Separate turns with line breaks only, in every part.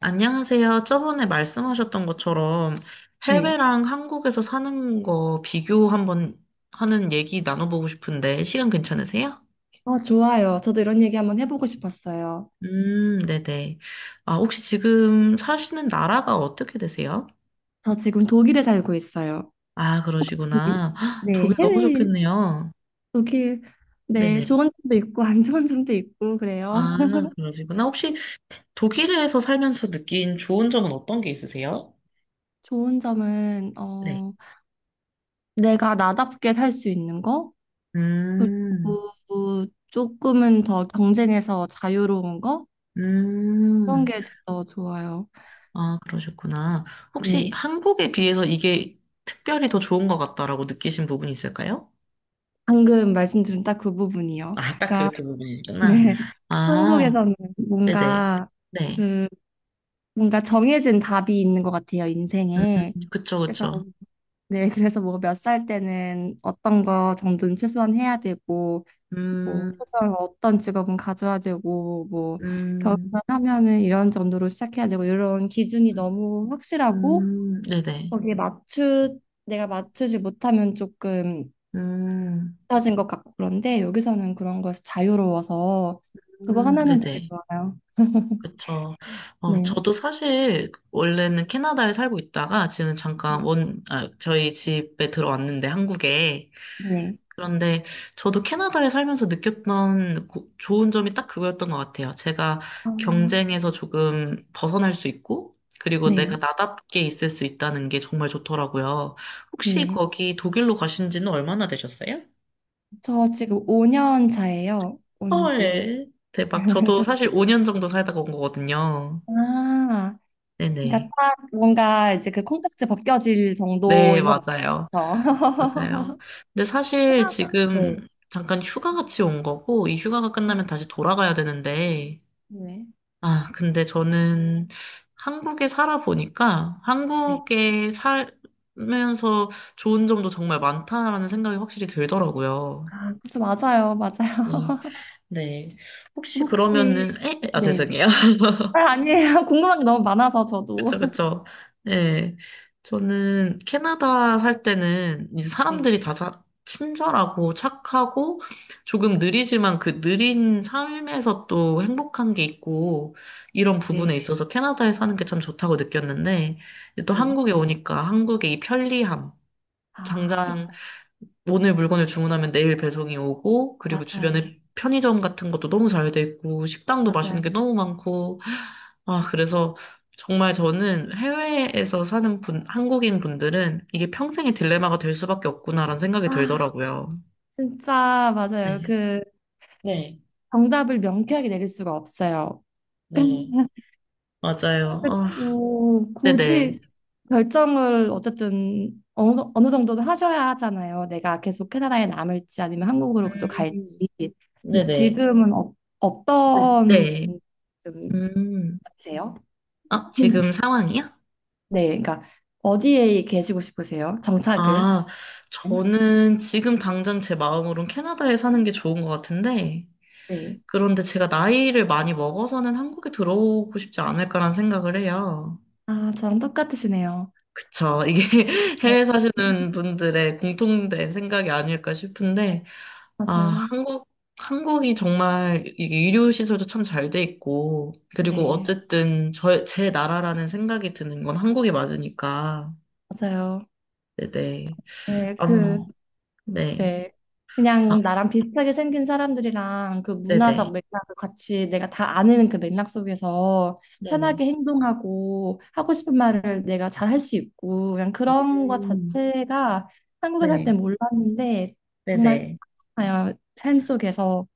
안녕하세요. 저번에 말씀하셨던 것처럼
네.
해외랑 한국에서 사는 거 비교 한번 하는 얘기 나눠보고 싶은데 시간 괜찮으세요?
좋아요. 저도 이런 얘기 한번 해보고 싶었어요.
네네. 아, 혹시 지금 사시는 나라가 어떻게 되세요?
저 지금 독일에 살고 있어요.
아,
네,
그러시구나. 헉,
네,
독일 너무
해외
좋겠네요.
독일. 네,
네네.
좋은 점도 있고 안 좋은 점도 있고 그래요.
아, 그러시구나. 혹시 독일에서 살면서 느낀 좋은 점은 어떤 게 있으세요?
좋은 점은
네.
내가 나답게 살 수 있는 거,
음,
그리고 조금은 더 경쟁에서 자유로운 거 그런
음.
게 더 좋아요.
아, 그러셨구나. 혹시
네,
한국에 비해서 이게 특별히 더 좋은 것 같다라고 느끼신 부분이 있을까요?
방금 말씀드린 딱 그 부분이요.
아, 딱
그러니까
그 두 부분이시구나.
네,
아,
한국에서는
네네.
뭔가
네.
그 뭔가 정해진 답이 있는 것 같아요,
음,
인생에.
그쵸,
그래서,
그쵸.
네, 그래서 뭐 몇 살 때는 어떤 거 정도는 최소한 해야 되고, 뭐,
음,
최소한 어떤 직업은 가져야 되고, 뭐,
음,
결혼을 하면은 이런 정도로 시작해야 되고, 이런 기준이 너무 확실하고,
네네.
거기에 맞추, 내가 맞추지 못하면 조금
음,
떨어진 것 같고, 그런데 여기서는 그런 거에서 자유로워서, 그거 하나는 되게
네네.
좋아요.
그쵸.
네.
저도 사실 원래는 캐나다에 살고 있다가 지금 잠깐
네.
아, 저희 집에 들어왔는데 한국에
네.
그런데 저도 캐나다에 살면서 느꼈던 좋은 점이 딱 그거였던 것 같아요. 제가
아,
경쟁에서 조금 벗어날 수 있고, 그리고 내가
네.
나답게 있을 수 있다는 게 정말 좋더라고요. 혹시
네.
거기 독일로 가신 지는 얼마나 되셨어요?
저 지금 5년 차예요. 온 지.
헐, 대박. 저도 사실 5년 정도 살다가 온 거거든요.
아, 그러니까
네네.
딱 뭔가 이제 그 콩깍지 벗겨질
네,
정도인 것
맞아요.
같죠.
맞아요. 근데 사실
하나가 네.
지금 잠깐 휴가 같이 온 거고, 이 휴가가
아,
끝나면 다시 돌아가야 되는데,
네.
아, 근데 저는 한국에 살아보니까
네.
한국에 살면서 좋은 점도 정말 많다라는 생각이 확실히 들더라고요.
아, 그래서 맞아요. 맞아요.
네. 네. 혹시
혹시
그러면은, 에? 아,
네.
죄송해요.
아, 아니에요. 궁금한 게 너무 많아서 저도.
그쵸, 그쵸. 네, 저는 캐나다 살 때는 이제
네.
사람들이 친절하고 착하고 조금 느리지만 그 느린 삶에서 또 행복한 게 있고 이런 부분에
네.
있어서 캐나다에 사는 게 참 좋다고 느꼈는데 이제 또
네.
한국에 오니까 한국의 이 편리함,
아, 그쵸.
당장 오늘 물건을 주문하면 내일 배송이 오고, 그리고
맞아요.
주변에 편의점 같은 것도 너무 잘 돼 있고, 식당도 맛있는 게
맞아요.
너무 많고, 아, 그래서 정말 저는 해외에서 사는 분, 한국인 분들은 이게 평생의 딜레마가 될 수밖에 없구나라는 생각이
아,
들더라고요.
진짜 맞아요.
네, 네,
정답을 명쾌하게 내릴 수가 없어요.
네. 맞아요. 아,
그래도 굳이
네네.
결정을 어쨌든 어느 정도는 하셔야 하잖아요. 내가 계속 캐나다에 남을지 아니면 한국으로 그래도
음,
갈지. 그럼
네네.
지금은 어떤
네.
좀
음,
세요?
아, 지금 상황이요?
네, 그러니까 어디에 계시고 싶으세요? 정착을?
아, 저는 지금 당장 제 마음으론 캐나다에 사는 게 좋은 것 같은데,
네.
그런데 제가 나이를 많이 먹어서는 한국에 들어오고 싶지 않을까라는 생각을 해요.
아, 저랑 똑같으시네요.
그쵸. 이게
네,
해외 사시는 분들의 공통된 생각이 아닐까 싶은데, 아,
맞아요.
한국, 한국이 정말 이게 의료시설도 참 잘 돼 있고, 그리고
네,
어쨌든 제 나라라는 생각이 드는 건 한국이 맞으니까.
맞아요.
네네.
네, 그
아무, 네.
네.
아,
그냥 나랑 비슷하게 생긴 사람들이랑 그 문화적
네네.
맥락을 같이 내가 다 아는 그 맥락 속에서
네네.
편하게 행동하고 하고 싶은 말을 내가 잘 할 수 있고 그냥 그런 것
음,
자체가 한국에 살 때
네,
몰랐는데 정말
네네.
아, 삶 속에서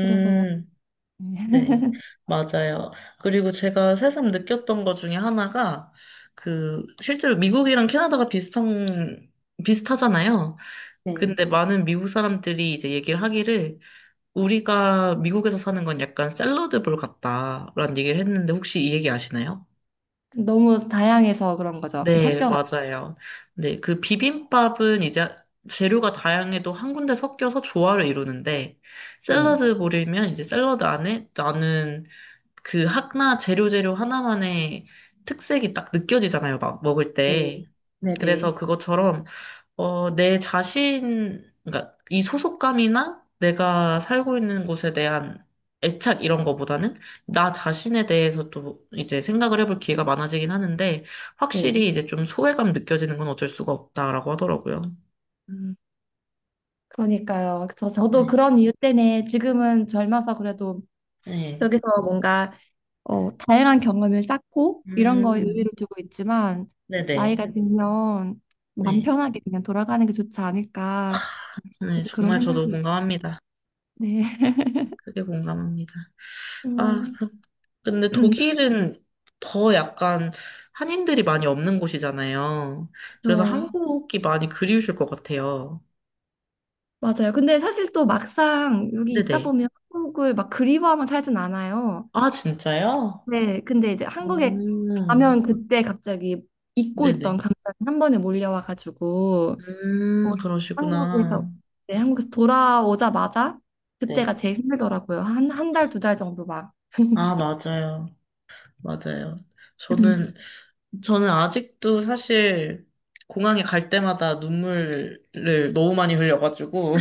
그래서
네, 맞아요. 그리고 제가 새삼 느꼈던 것 중에 하나가, 실제로 미국이랑 캐나다가 비슷하잖아요.
네.
근데 많은 미국 사람들이 이제 얘기를 하기를, 우리가 미국에서 사는 건 약간 샐러드볼 같다라는 얘기를 했는데, 혹시 이 얘기 아시나요?
너무 다양해서 그런 거죠.
네,
섞여가지고.
맞아요. 네, 그 비빔밥은 이제 재료가 다양해도 한 군데 섞여서 조화를 이루는데,
네.
샐러드 볼이면 이제 샐러드 안에 나는 재료 하나만의 특색이 딱 느껴지잖아요, 막 먹을
네.
때.
네네.
그래서 그것처럼 내 자신, 그러니까 이 소속감이나 내가 살고 있는 곳에 대한 애착 이런 거보다는 나 자신에 대해서 또 이제 생각을 해볼 기회가 많아지긴 하는데 확실히
네.
이제 좀 소외감 느껴지는 건 어쩔 수가 없다라고 하더라고요.
음, 그러니까요. 그래서 저도
네.
그런 이유 때문에 지금은 젊어서 그래도
네.
여기서 뭔가 다양한 경험을 쌓고 이런 거에
음.
의의를 두고 있지만
네네.
나이가 들면 마음
네.
편하게 그냥 돌아가는 게 좋지 않을까
네,
그래서 그런
정말 저도
생각이 있-
공감합니다.
네.
크게 공감합니다. 아,
음,
그- 근데 독일은 더 약간 한인들이 많이 없는 곳이잖아요. 그래서
그렇죠.
한국이 많이 그리우실 것 같아요.
맞아요. 근데 사실 또 막상 여기 있다
네네.
보면 한국을 막 그리워하면 살진 않아요.
아, 진짜요?
네. 근데 이제 한국에
음,
가면 그때 갑자기 잊고 있던
네네.
감정이 한 번에 몰려와가지고 어,
그러시구나.
한국에서 네, 한국에서 돌아오자마자
네.
그때가 제일 힘들더라고요. 한 한 달, 두 달 정도 막.
아, 맞아요. 맞아요. 저는, 저는 아직도 사실 공항에 갈 때마다 눈물을 너무 많이 흘려가지고,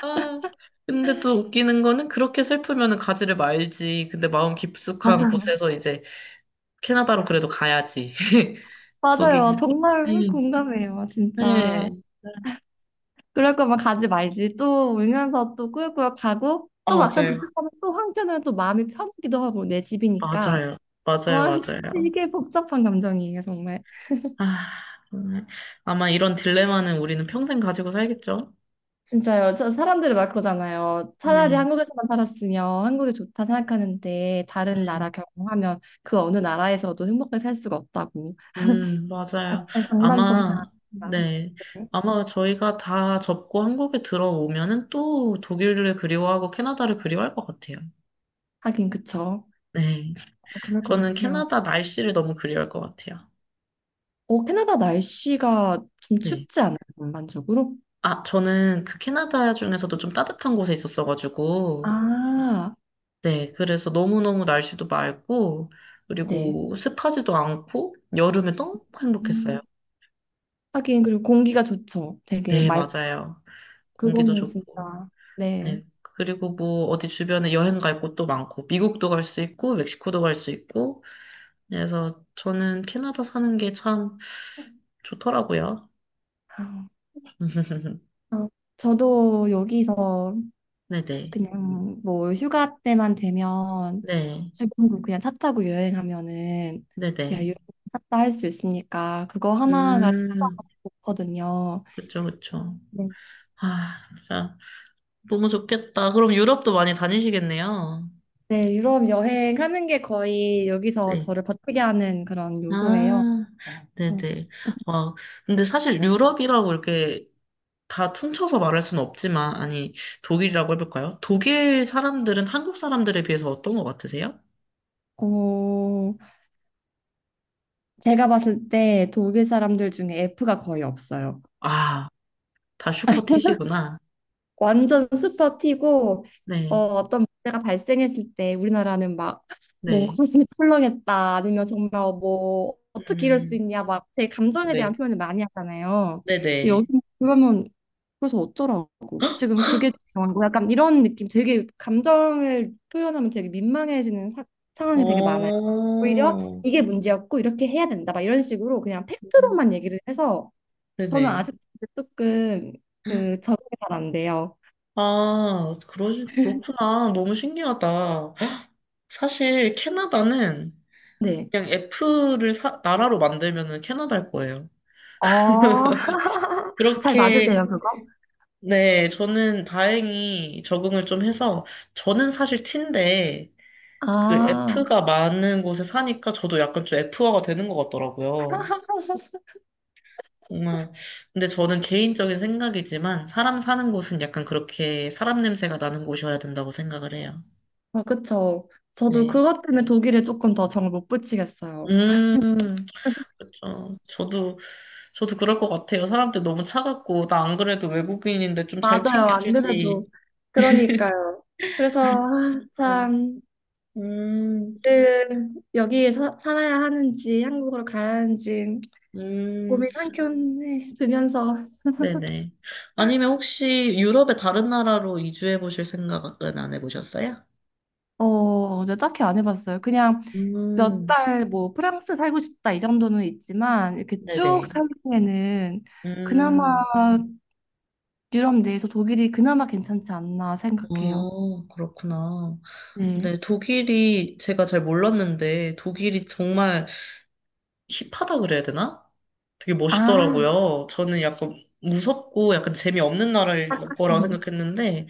아, 근데 또 웃기는 거는 그렇게 슬프면 가지를 말지. 근데 마음 깊숙한
맞아요.
곳에서 이제 캐나다로 그래도 가야지. 거기.
맞아요. 정말
음.
공감해요.
네.
진짜. 그럴 거면 가지 말지. 또 울면서 또 꾸역꾸역 가고
아,
또 막상
맞아요.
도착하면 또 한켠으로는 또 마음이 편하기도 하고 내 집이니까.
맞아요.
와,
맞아요.
이게 복잡한 감정이에요, 정말.
아, 정말. 아마 이런 딜레마는 우리는 평생 가지고 살겠죠?
진짜요. 사- 사람들이 막 그러잖아요. 차라리
네.
한국에서만 살았으면 한국이 좋다 생각하는데
네.
다른 나라 경험하면 그 어느 나라에서도 행복하게 살 수가 없다고.
맞아요.
각자의 장단점
아마,
다알
네.
네.
아마 저희가 다 접고 한국에 들어오면은 또 독일을 그리워하고 캐나다를 그리워할 것 같아요.
하긴 그쵸.
네.
진짜 그럴 것
저는
같아요.
캐나다 날씨를 너무 그리워할 것 같아요.
어, 캐나다 날씨가 좀
네.
춥지 않아요, 전반적으로?
아, 저는 그 캐나다 중에서도 좀 따뜻한 곳에 있었어가지고,
아,
네. 그래서 너무너무 날씨도 맑고,
네.
그리고 습하지도 않고, 여름에 너무 행복했어요.
음, 하긴 그리고 공기가 좋죠. 되게
네,
맑.
맞아요. 공기도
그거는
좋고,
진짜 네.
네. 그리고 뭐, 어디 주변에 여행 갈 곳도 많고, 미국도 갈 수 있고, 멕시코도 갈 수 있고, 그래서 저는 캐나다 사는 게 참 좋더라고요.
아, 어, 저도 여기서
네네.
그냥 뭐 휴가 때만 되면
네.
사국 그냥 차 타고 여행하면은 그냥 유럽
네네.
샀다 할 수 있으니까 그거 하나가 진짜
음,
좋거든요.
그쵸, 그쵸.
네.
아, 진짜 너무 좋겠다. 그럼 유럽도 많이 다니시겠네요.
네, 유럽 여행하는 게 거의 여기서
네.
저를 버티게 하는 그런 요소예요.
아,
그래서,
네네. 어 근데 사실 유럽이라고 이렇게 다 퉁쳐서 말할 수는 없지만, 아니, 독일이라고 해볼까요? 독일 사람들은 한국 사람들에 비해서 어떤 것 같으세요?
어, 제가 봤을 때 독일 사람들 중에 F가 거의 없어요.
아, 다 슈퍼티시구나.
완전 슈퍼 T고
네,
어떤 문제가 발생했을 때 우리나라는 막 뭐
네.
가슴이 철렁했다 아니면 정말 뭐 어떻게 이럴 수
음,
있냐 막 제 감정에 대한
네,
표현을 많이 하잖아요. 근데 여기
네네.
그러면 그래서 어쩌라고 지금 그게 중요한 거 약간 이런 느낌 되게 감정을 표현하면 되게 민망해지는 사- 상황이 되게 많아요. 오히려
어,
이게 문제였고 이렇게 해야 된다 막 이런 식으로 그냥
음,
팩트로만 얘기를 해서 저는
네네.
아직 조금 그 적응이 잘 안 돼요.
아, 그러, 그렇구나. 너무 신기하다. 사실 캐나다는
네.
그냥 F를 나라로 만들면은 캐나다일 거예요.
어, 잘
그렇게,
맞으세요, 그거?
네, 저는 다행히 적응을 좀 해서, 저는 사실 T인데, 그
아,
F가 많은 곳에 사니까 저도 약간 좀 F화가 되는 것 같더라고요. 정말. 근데 저는 개인적인 생각이지만, 사람 사는 곳은 약간 그렇게 사람 냄새가 나는 곳이어야 된다고 생각을 해요.
아, 그쵸. 저도
네.
그것 때문에 독일에 조금 더 정을 못 붙이겠어요.
음, 그쵸. 저도 그럴 것 같아요. 사람들 너무 차갑고, 나 안 그래도 외국인인데 좀 잘
맞아요, 안
챙겨주지.
그래도. 그러니까요. 그래서, 아,
네.
참,
음,
늘 살아야 하는지, 한국으로 가야 하는지,
음,
고민 한켠에 두면서.
네네. 아니면 혹시 유럽의 다른 나라로 이주해 보실 생각은 안 해보셨어요?
저 딱히 안 해봤어요. 그냥 몇
음,
달 뭐 프랑스 살고 싶다 이 정도는 있지만 이렇게 쭉
네네.
살기에는 그나마
음,
유럽 내에서 독일이 그나마 괜찮지 않나 생각해요.
어, 그렇구나.
네.
네, 독일이 제가 잘 몰랐는데, 독일이 정말 힙하다 그래야 되나? 되게
아,
멋있더라고요. 저는 약간 무섭고 약간 재미없는 나라일 거라고 생각했는데,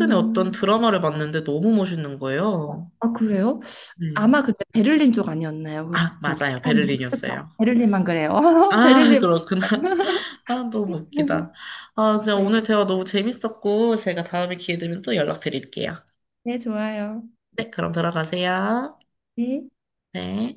음,
어떤
음,
드라마를 봤는데 너무 멋있는 거예요.
아, 그래요?
네.
아마 그때 베를린 쪽 아니었나요? 그-
아,
거기.
맞아요.
그렇죠.
베를린이었어요.
베를린만 그래요.
아,
베를린.
그렇구나. 아, 너무 웃기다. 아, 진짜
네,
오늘 대화 너무 재밌었고, 제가 다음에 기회 되면 또 연락드릴게요.
네, 좋아요.
네, 그럼 들어가세요.
네.
네.